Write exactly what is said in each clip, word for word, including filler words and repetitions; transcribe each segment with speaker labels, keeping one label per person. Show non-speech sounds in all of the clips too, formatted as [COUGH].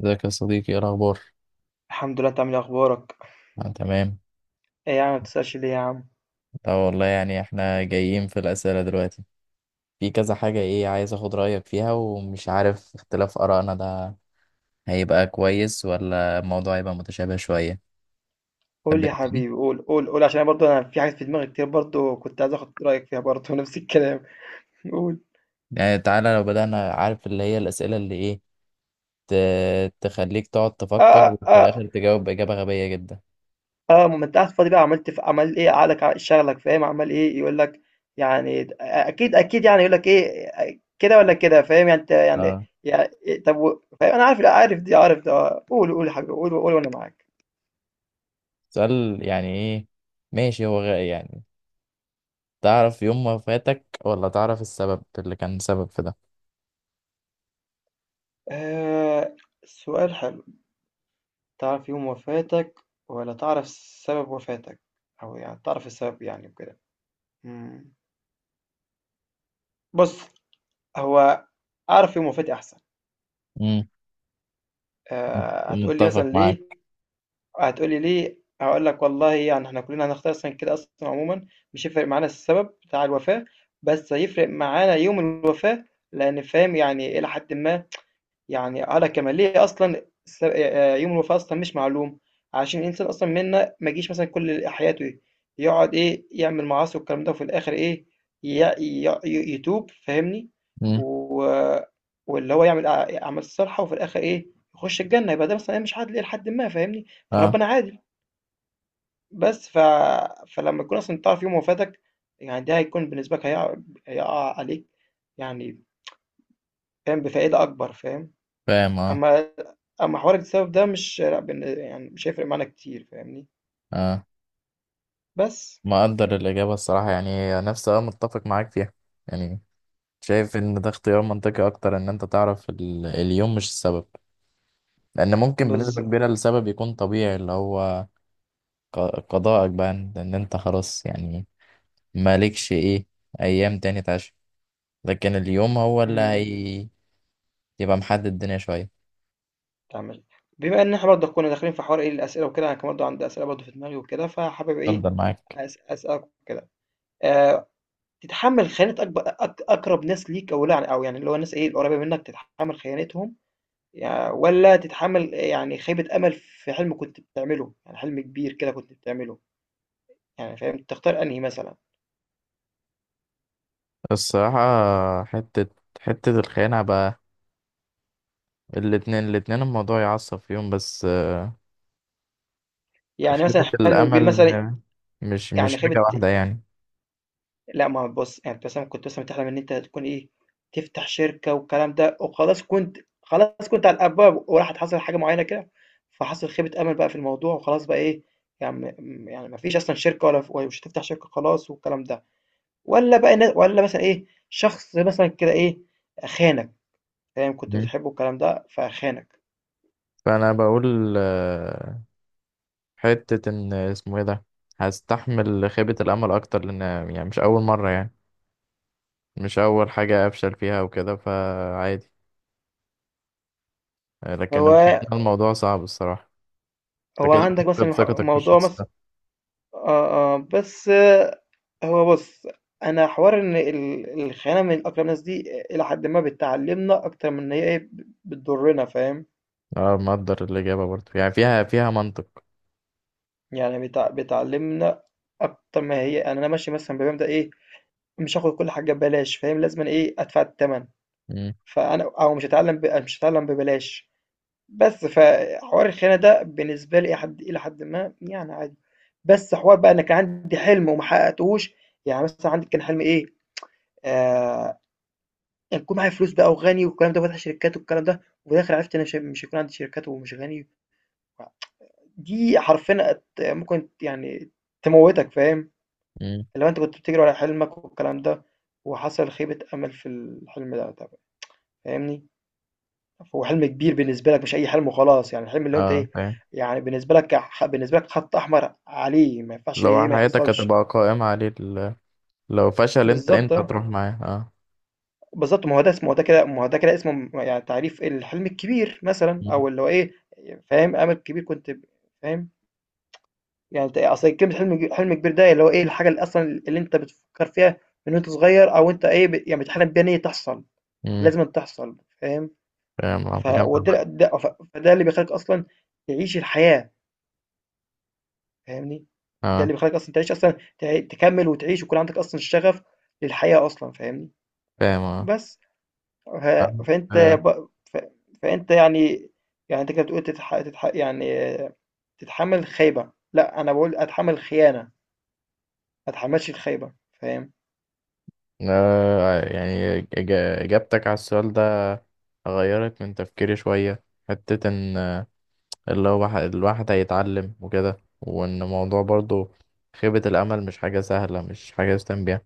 Speaker 1: ازيك يا صديقي؟ ايه الاخبار؟
Speaker 2: الحمد لله، انت عامل ايه؟ اخبارك؟
Speaker 1: آه تمام.
Speaker 2: ايه يا عم؟ ما بتسألش ليه يا عم؟
Speaker 1: اه والله يعني احنا جايين في الاسئله دلوقتي، في كذا حاجه، ايه، عايز اخد رايك فيها ومش عارف اختلاف ارائنا ده هيبقى كويس ولا الموضوع هيبقى متشابه شويه. تحب
Speaker 2: قول يا
Speaker 1: نبتدي؟
Speaker 2: حبيبي، قول قول قول، عشان برضه انا في حاجات في دماغي كتير، برضه كنت عايز اخد رايك فيها برضه [LAUGHS] نفس الكلام. قول.
Speaker 1: يعني تعالى لو بدانا، عارف، اللي هي الاسئله اللي ايه ت- تخليك تقعد
Speaker 2: اه،
Speaker 1: تفكر
Speaker 2: اه،
Speaker 1: وفي الاخر
Speaker 2: اه.
Speaker 1: تجاوب باجابه غبيه جدا.
Speaker 2: اه، ما انت قاعد فاضي بقى، عملت في عمل ايه عقلك، ع- شغلك، فاهم؟ عمل ايه يقول لك؟ يعني اكيد اكيد، يعني يقول لك ايه كده ولا كده، فاهم؟ يعني انت يعني
Speaker 1: اه.
Speaker 2: يعني إيه، طب و- فاهم، انا عارف لا عارف دي عارف ده، قول قول يا حبيبي، قول قول، وانا معاك.
Speaker 1: سؤال يعني ايه؟ ماشي. هو غ- يعني تعرف يوم ما فاتك ولا تعرف السبب اللي كان سبب في ده؟
Speaker 2: آه، سؤال حلو. تعرف يوم وفاتك ولا تعرف سبب وفاتك؟ أو يعني تعرف السبب يعني وكده. إمم. بُص، هو أعرف يوم وفاتي أحسن.
Speaker 1: امم.
Speaker 2: آآ هتقول لي
Speaker 1: متفق
Speaker 2: مثلًا
Speaker 1: معاك.
Speaker 2: ليه؟ هتقول لي ليه، هاقول لك والله، يعني إحنا كُلّنا هنختار أصلًا كده أصلًا عمومًا، مش هيفرق معانا السبب بتاع الوفاة، بس هيفرق معانا يوم الوفاة، لإن فاهم يعني إلى حدٍ ما. يعني على كمال ليه أصلا الس- آه، يوم الوفاة أصلا مش معلوم، عشان الإنسان أصلا منا ما يجيش مثلا كل حياته يقعد إيه يعمل معاصي والكلام ده، وفي الآخر إيه، ي- ي- ي- يتوب، فاهمني؟
Speaker 1: مم.
Speaker 2: و... واللي هو يعمل أع- أعمال الصالحة، وفي الآخر إيه، يخش الجنة، يبقى ده مثلا إيه، مش عادل إيه لحد ما، فاهمني؟
Speaker 1: اه
Speaker 2: فربنا عادل. بس ف... فلما يكون أصلا تعرف يوم وفاتك، يعني ده هيكون بالنسبة لك، هيقع هيقع عليك، يعني فاهم، بفائدة أكبر، فاهم؟
Speaker 1: فاهم اه.
Speaker 2: أمّا أمّا حوار السبب ده، مش لأ بن يعني مش هيفرق معانا كتير، فاهمني.
Speaker 1: اه،
Speaker 2: بس
Speaker 1: مقدر الإجابة، الصراحة يعني نفسي، اه، متفق معاك فيها. يعني شايف إن ده اختيار منطقي أكتر، إن أنت تعرف ال... اليوم مش السبب، لأن ممكن
Speaker 2: بالض
Speaker 1: بنسبة كبيرة السبب يكون طبيعي، اللي هو ق... قضاءك بقى، إن إن أنت خلاص يعني مالكش إيه، أيام تاني تعيش، لكن اليوم هو
Speaker 2: إمم،
Speaker 1: اللي
Speaker 2: إمم،
Speaker 1: هي يبقى محدد الدنيا شوية.
Speaker 2: تمام. بما إن إحنا برضه كنا داخلين في حوار إيه الأسئلة وكده، أنا كان برضه عندي أسئلة برضه في دماغي وكده، فحابب إيه
Speaker 1: اتفضل معاك.
Speaker 2: أس أسألك وكده. آآ، تتحمّل خيانة أكب أك أقرب ناس ليك أو لأ، أو يعني اللي هو الناس إيه القريبة منك، تتحمّل خيانتهم، يع والّا تتحمّل يعني خيبة أمل في حلم كنت بتعمله، يعني حلم كبير كده كنت بتعمله، يعني فاهم، تختار أنهي مثلًا؟
Speaker 1: الصراحة، حتة حتة الخيانة بقى، الاتنين الاتنين الموضوع يعصب فيهم، بس
Speaker 2: يعني مثلًا
Speaker 1: خيبة
Speaker 2: حلم كبير
Speaker 1: الأمل
Speaker 2: مثلًا.
Speaker 1: م- مش مش
Speaker 2: يعني
Speaker 1: حاجة
Speaker 2: خيبة
Speaker 1: واحدة يعني.
Speaker 2: لأ، ما هو بُص، يعني أنت مثلًا كنت مثلًا بتحلم إن أنت تكون إيه، تفتح شركة والكلام ده، وخلاص كنت خلاص كنت على الأبواب، وراحت حصلت حاجة معيّنة كده، فحصل خيبة أمل بقى في الموضوع وخلاص بقى إيه، يعني م م يعني ما فيش أصلًا شركة ولا ف ومش هتفتح شركة خلاص والكلام ده، والّا بقى ن والّا مثلًا إيه، شخص مثلًا كده إيه، خانك، فاهم، كنت
Speaker 1: مم.
Speaker 2: بتحبه والكلام ده فخانك.
Speaker 1: فأنا بقول آه، حتة إن اسمه إيه ده، هستحمل خيبة الأمل أكتر، لأن يعني مش أول مرة يعني، مش أول حاجة أفشل فيها وكده فعادي. آه، لكن الخيانة
Speaker 2: هو
Speaker 1: الموضوع صعب الصراحة.
Speaker 2: هو
Speaker 1: أنت كده
Speaker 2: عندك
Speaker 1: بتفقد
Speaker 2: مثلًا ح
Speaker 1: ثقتك في
Speaker 2: موضوع
Speaker 1: الشخص
Speaker 2: مث
Speaker 1: ده.
Speaker 2: آه، آه، بس آه، هو بُص، أنا حوار إن ال الخيانة من أقرب الناس دي إلى حدٍ ما بتعلّمنا أكتر من إن هي إيه، ب بتضرنا، فاهم،
Speaker 1: أه مقدر الإجابة برضه، يعني فيها فيها منطق.
Speaker 2: يعني بت بتعلّمنا أكتر ما هي، يعني أنا ماشي مثلًا بمبدأ إيه، مش هاخد كل حاجة ببلاش، فاهم، لازمًا إيه، أدفع التمن.
Speaker 1: مم.
Speaker 2: فأنا أو مش هاتعلّم ب مش هاتعلّم ببلاش، بس فحوار الخيانة ده بالنسبة لي إلى حد إلى حدٍ ما يعني عادي، بس حوار بقى أنا كان عندي حلم وما حققتهوش، يعني مثلًا عندي كان حلمي إيه، آآ أكون معايا فلوس بقى وغني والكلام ده وفاتح شركات والكلام ده، وفي الآخر عرفت أنا مش مش هيكون عندي شركات ومش غني، دي حرفيًا هت ممكن يعني تموّتك، فاهم،
Speaker 1: مم.
Speaker 2: اللي هو أنت كنت بتجري ورا حلمك والكلام ده، وحصل خيبة أمل في الحلم ده طبعًا، فاهمني، هو حلم كبير بالنسبة لك، مش أي حلم وخلاص، يعني الحلم اللي هو أنت
Speaker 1: أه
Speaker 2: إيه،
Speaker 1: فاهم.
Speaker 2: يعني بالنسبة لك ح بالنسبة لك خط أحمر عليه ما ينفعش
Speaker 1: لو
Speaker 2: إيه ما
Speaker 1: حياتك
Speaker 2: يحصلش.
Speaker 1: هتبقى قائمة عليه ال- لو فشل أنت
Speaker 2: بالضبط
Speaker 1: أنت
Speaker 2: آه.
Speaker 1: هتروح معاه، أه.
Speaker 2: بالضبط، ما هو ده اسمه ما هو ده كده ما هو ده كده اسمه م يعني تعريف الحلم الكبير مثلًا،
Speaker 1: مم.
Speaker 2: أو اللي هو إيه، فاهم، أمل كبير كنت ب فاهم، يعني أنت أصل كلمة حلم حلم كبير ده اللي هو إيه، الحاجة اللي أصلًا اللي أنت بتفكّر فيها من وأنت صغير، أو أنت إيه، ب يعني بتحلم بيها إن هي تحصل،
Speaker 1: امم.
Speaker 2: لازمًا تحصل، فاهم.
Speaker 1: فاهم عم-
Speaker 2: ف
Speaker 1: جمع.
Speaker 2: وده ده ف فده اللي بيخلّيك أصلًا تعيش الحياة، فاهمني، ده
Speaker 1: اه
Speaker 2: اللي بيخلّيك أصلًا تعيش أصلًا ت تكمّل وتعيش ويكون عندك أصلًا الشغف للحياة أصلًا، فاهمني.
Speaker 1: فاهم اه.
Speaker 2: بس. ف...
Speaker 1: عارف،
Speaker 2: فأنت
Speaker 1: آه،
Speaker 2: ب... ف... فأنت يعني، يعني أنت كده بتقول تتح... تتح... يعني آه، تتحمل خيبة لا، أنا بقول أتحمل خيانة، ما أتحملش الخيبة، فاهم.
Speaker 1: آه، يعني إج- إجابتك على السؤال ده غيرت من تفكيري شوية، حتة إن آه، اللي هو ح- الواحد هيتعلم وكده، وإن الموضوع برضو خيبة الأمل مش حاجة سهلة، مش حاجة يستهان بيها.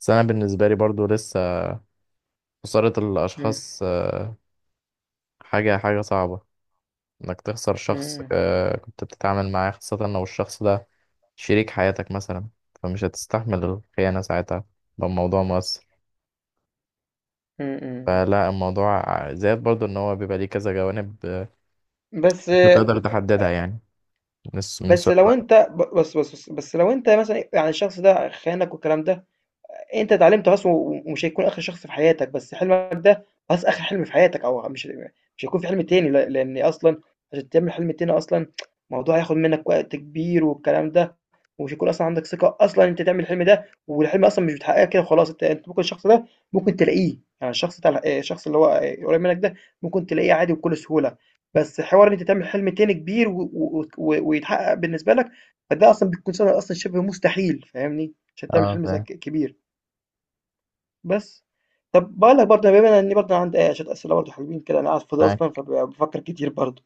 Speaker 1: بس أنا بالنسبة لي برضو لسه خسارة
Speaker 2: مم.
Speaker 1: الأشخاص آه، حاجة حاجة صعبة، إنك تخسر شخص
Speaker 2: مم.
Speaker 1: آه، كنت بتتعامل معاه، خاصة لو الشخص ده شريك حياتك مثلا، فمش هتستحمل الخيانة ساعتها، ده الموضوع مؤثر.
Speaker 2: مم.
Speaker 1: فلا الموضوع زائد برضو ان هو بيبقى ليه كذا جوانب آه،
Speaker 2: بس،
Speaker 1: مش هتقدر تحددها يعني من س- من
Speaker 2: بس
Speaker 1: سؤال
Speaker 2: لو
Speaker 1: واحد.
Speaker 2: أنت ب- بس بس بس, بس لو أنت مثلا يعني الشخص ده خانك والكلام ده، أنت اتعلمت خلاص، و ومش هيكون آخر شخص في حياتك، بس حلمك ده خلاص آخر حلم في حياتك، أو مش مش هيكون في حلم تاني، ل لإن أصلًا عشان تعمل حلم تاني أصلًا الموضوع هياخد منك وقت كبير والكلام ده، ومش هيكون أصلًا عندك ثقة أصلًا أنت تعمل الحلم ده، والحلم أصلًا مش بتحققه كده وخلاص، أنت أنت ممكن الشخص ده ممكن تلاقيه، يعني الشخص بتاع الح الشخص اللي هو قريب منك ده، ممكن تلاقيه عادي وبكل سهولة، بس حوار إن أنت تعمل حلم تاني كبير و و و ويتحقق بالنسبة لك، فده أصلًا بيكون سنة أصلًا شبه مستحيل، فاهمني؟ عشان تعمل
Speaker 1: اه
Speaker 2: حلم زي ك
Speaker 1: فاهم.
Speaker 2: كبير. بس. طب باقول لك برضه، بما إني برضه عندي ايه شوية أسئلة برضه حلوين كده، أنا قاعد فاضي أصلًا
Speaker 1: معاك.
Speaker 2: فبافكر كتير برضه.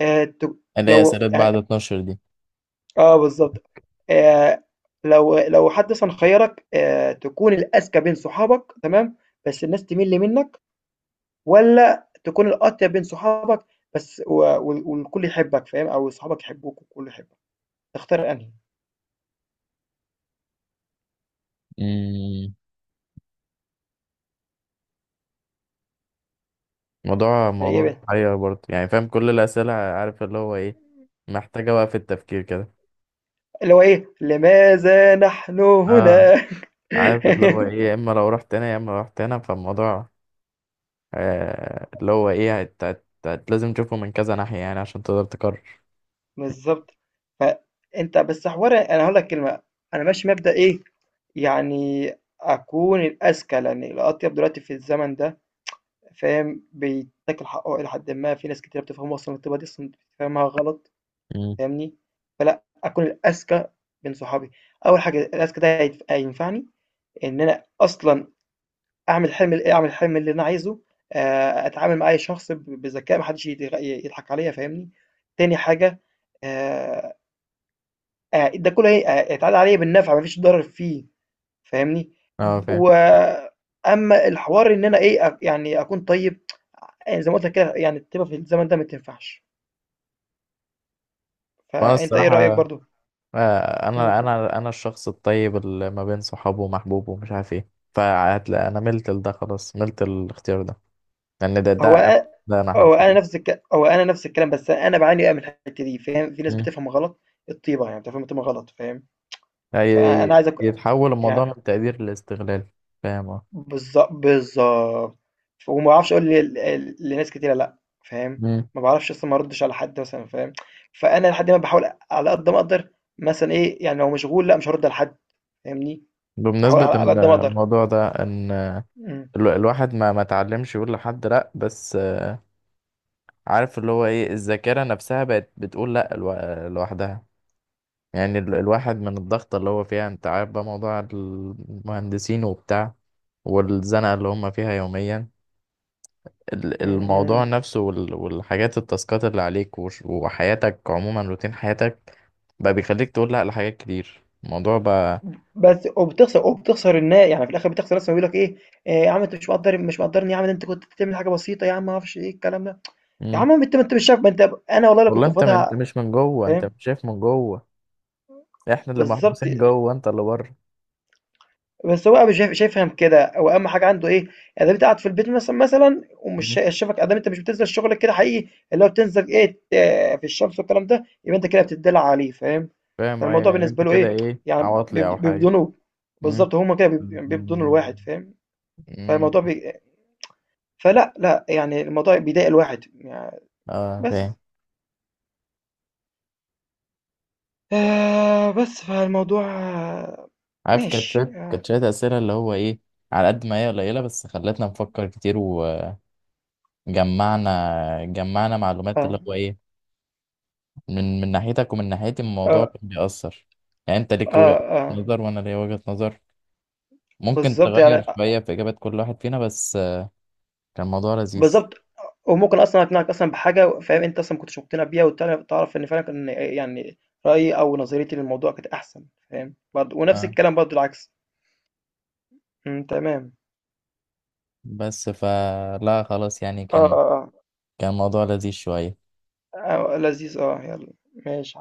Speaker 2: آآ ت
Speaker 1: اللي هي
Speaker 2: لو
Speaker 1: اسئله بعد
Speaker 2: يعني،
Speaker 1: اتناشر دي.
Speaker 2: آه بالضبط. آآ لو لو حد مثلًا خيّرك، آآ تكون الأذكى بين صحابك، تمام، بس الناس تمِل منّك، والّا تكون الأطيب بين صحابك، بس و وال والكل يحبك، فاهم؟ أو صحابك يحبوك والكل يحبك، تختار أنهي؟
Speaker 1: امم. موضوع
Speaker 2: فإيه
Speaker 1: موضوع
Speaker 2: بقى
Speaker 1: محير برضو، يعني فاهم كل الاسئله، عارف اللي هو ايه، محتاجه بقى في التفكير كده.
Speaker 2: اللي هو إيه، لماذا نحن
Speaker 1: اه
Speaker 2: هنا؟
Speaker 1: عارف اللي هو
Speaker 2: [LAUGHS]
Speaker 1: ايه، يا اما لو رحت هنا يا اما لو رحت هنا، فالموضوع آه اللي هو ايه هت... هت... هت... لازم تشوفه من كذا ناحيه يعني عشان تقدر تقرر.
Speaker 2: بالضبط. فأنت بس حوار أنا هاقول لك كلمة، أنا ماشي مبدأ إيه، يعني أكون الأذكى، لأن الأطيب دلوقتي في الزمن ده فاهم، بيتاكل حقه إلى حدٍ ما، في ناس كتيرة بتفهمه أصلًا، الطيبة دي أصلًا فاهمها غلط،
Speaker 1: امم.
Speaker 2: فاهمني، فلأ، أكون الأذكى بين صحابي. أول حاجة الأذكى ده هيت هينفعني إن أنا أصلًا أعمل حلم أعمل الحلم اللي أنا عايزه، آآ أتعامل مع أي شخص ب بذكاء، ما حدش يتغ يضحك عليَّ، فاهمني، تاني حاجة، آآ آآ ده كله هي آآ يتعاد عليَّ بالنفع، ما فيش ضرر فيه، فاهمني؟
Speaker 1: اه
Speaker 2: ب
Speaker 1: فاهم.
Speaker 2: وأمّا الحوار إن أنا إيه، أك يعني أكون طيب، آآ زي ما قُلت لك كده، يعني الطيبة في الزمن ده ما تنفعش،
Speaker 1: وانا
Speaker 2: فأنت إيه رأيك
Speaker 1: الصراحه
Speaker 2: برضه؟
Speaker 1: آه،
Speaker 2: إمم،
Speaker 1: انا انا انا الشخص الطيب اللي ما بين صحابه ومحبوبه ومش عارف ايه، فهتلاقي انا ملت لده، خلاص ملت الاختيار ده لان ده
Speaker 2: هو
Speaker 1: ده
Speaker 2: أ
Speaker 1: ده انا
Speaker 2: هو أنا
Speaker 1: حرفيا.
Speaker 2: نفس الك هو أنا نفس الكلام، بس أنا باعاني بقى من الحتّة دي، فاهم؟ في ناس
Speaker 1: مم.
Speaker 2: بتفهم غلط الطيبة، يعني بتفهم الطيبة غلط، فاهم؟
Speaker 1: هي-
Speaker 2: فأنا عايزك
Speaker 1: يتحول الموضوع
Speaker 2: يع
Speaker 1: من تقدير لاستغلال. فاهم اه.
Speaker 2: بالض بالضبط. وما باعرفش أقول ل ل لناس كتيرة لأ، فاهم،
Speaker 1: مم.
Speaker 2: ما باعرفش أصلًا ما أردش على حد مثلًا، فاهم، فأنا لحد ما باحاول على قد ما أقدر مثلًا إيه، يعني لو مشغول لأ، مش هارُد على حد، فاهمني، باحاول
Speaker 1: بمناسبة
Speaker 2: على على
Speaker 1: إن
Speaker 2: قد ما أقدر.
Speaker 1: الموضوع ده ان
Speaker 2: إمم،
Speaker 1: ال- الواحد ما ما اتعلمش يقول لحد لا، بس عارف اللي هو ايه، الذاكرة نفسها بقت بتقول لا لو- لوحدها، يعني ال- الواحد من الضغط اللي هو فيها، انت عارف بقى موضوع المهندسين وبتاع، والزنقة اللي هم فيها يوميا، ال-
Speaker 2: إمم، إمم،
Speaker 1: الموضوع
Speaker 2: إمم.
Speaker 1: نفسه وال- والحاجات التاسكات اللي عليك وش- وحياتك عموما روتين حياتك بقى بيخليك تقول لا لحاجات كتير، الموضوع بقى.
Speaker 2: بس وبتخسر وبتخسر النا يعني في الآخر بتخسر الناس لمّا بيقولوا لك إيه، إيه "يا عم أنت مش مقدّر مش مقدّرني يا عم، ده أنت كنت بتعمل حاجة بسيطة يا عم." ما أعرفش إيه الكلام ده، "يا عم
Speaker 1: مم.
Speaker 2: ما أنت ما أنت مش شايف ما أنت"، أنا والله لو
Speaker 1: والله
Speaker 2: كنت في
Speaker 1: انت من- انت
Speaker 2: وضع،
Speaker 1: مش من جوه، انت
Speaker 2: فاهم،
Speaker 1: مش شايف من جوه، احنا اللي
Speaker 2: بالضبط.
Speaker 1: محبوسين جوه انت اللي بره.
Speaker 2: بس هو مش شايف شايف، فاهم كده، هو اهم حاجه عنده ايه، يعني انت قاعد في البيت مثلا مثلا ومش
Speaker 1: مم.
Speaker 2: شا- شايفك ادام، انت مش بتنزل شغلك كده حقيقي، اللي هو بتنزل ايه، ت- في الشمس والكلام ده، يبقى انت كده بتدلع عليه، فاهم؟
Speaker 1: فاهم ايه
Speaker 2: فالموضوع
Speaker 1: يعني، انت
Speaker 2: بالنسبه له
Speaker 1: كده
Speaker 2: ايه،
Speaker 1: ايه،
Speaker 2: يعني
Speaker 1: عواطلي
Speaker 2: بيبد-
Speaker 1: او حاجة.
Speaker 2: بيبدونه،
Speaker 1: مم.
Speaker 2: بالظبط، هما كده بيب- يعني بيبدونوا الواحد، فاهم.
Speaker 1: مم.
Speaker 2: فالموضوع بي... فلا، لا، يعني الموضوع بيضايق الواحد يعني،
Speaker 1: آه فاهم.
Speaker 2: بس آه، بس فالموضوع آه،
Speaker 1: عارف كانت
Speaker 2: ماشي
Speaker 1: شوية
Speaker 2: آه،
Speaker 1: كانت شوية أسئلة اللي هو إيه، على قد ما هي قليلة بس خلتنا نفكر كتير، وجمعنا جمعنا معلومات
Speaker 2: آه،
Speaker 1: اللي هو إيه، من من ناحيتك ومن ناحيتي الموضوع
Speaker 2: آه،
Speaker 1: كان بيأثر. يعني أنت ليك وجهة
Speaker 2: آه، آه،
Speaker 1: نظر وأنا ليا وجهة نظر، ممكن
Speaker 2: بالظبط يعني،
Speaker 1: تغير شوية في إجابات كل واحد فينا، بس كان الموضوع لذيذ.
Speaker 2: بالضبط، وممكن أصلًا أقنعك أصلًا بحاجة، فاهم، أنت أصلًا ما كنتش مقتنع بيها وتعر تعرف إن فعلًا كان يعني رأيي أو نظريتي للموضوع كانت أحسن، فاهم، برضه ونفس
Speaker 1: أه
Speaker 2: الكلام برضه العكس. إمم، تمام،
Speaker 1: بس فلا خلاص يعني،
Speaker 2: آه،
Speaker 1: كان
Speaker 2: آه،
Speaker 1: كان الموضوع لذيذ شوية.
Speaker 2: آه، آه، لذيذ آه، يالّا، ماشي.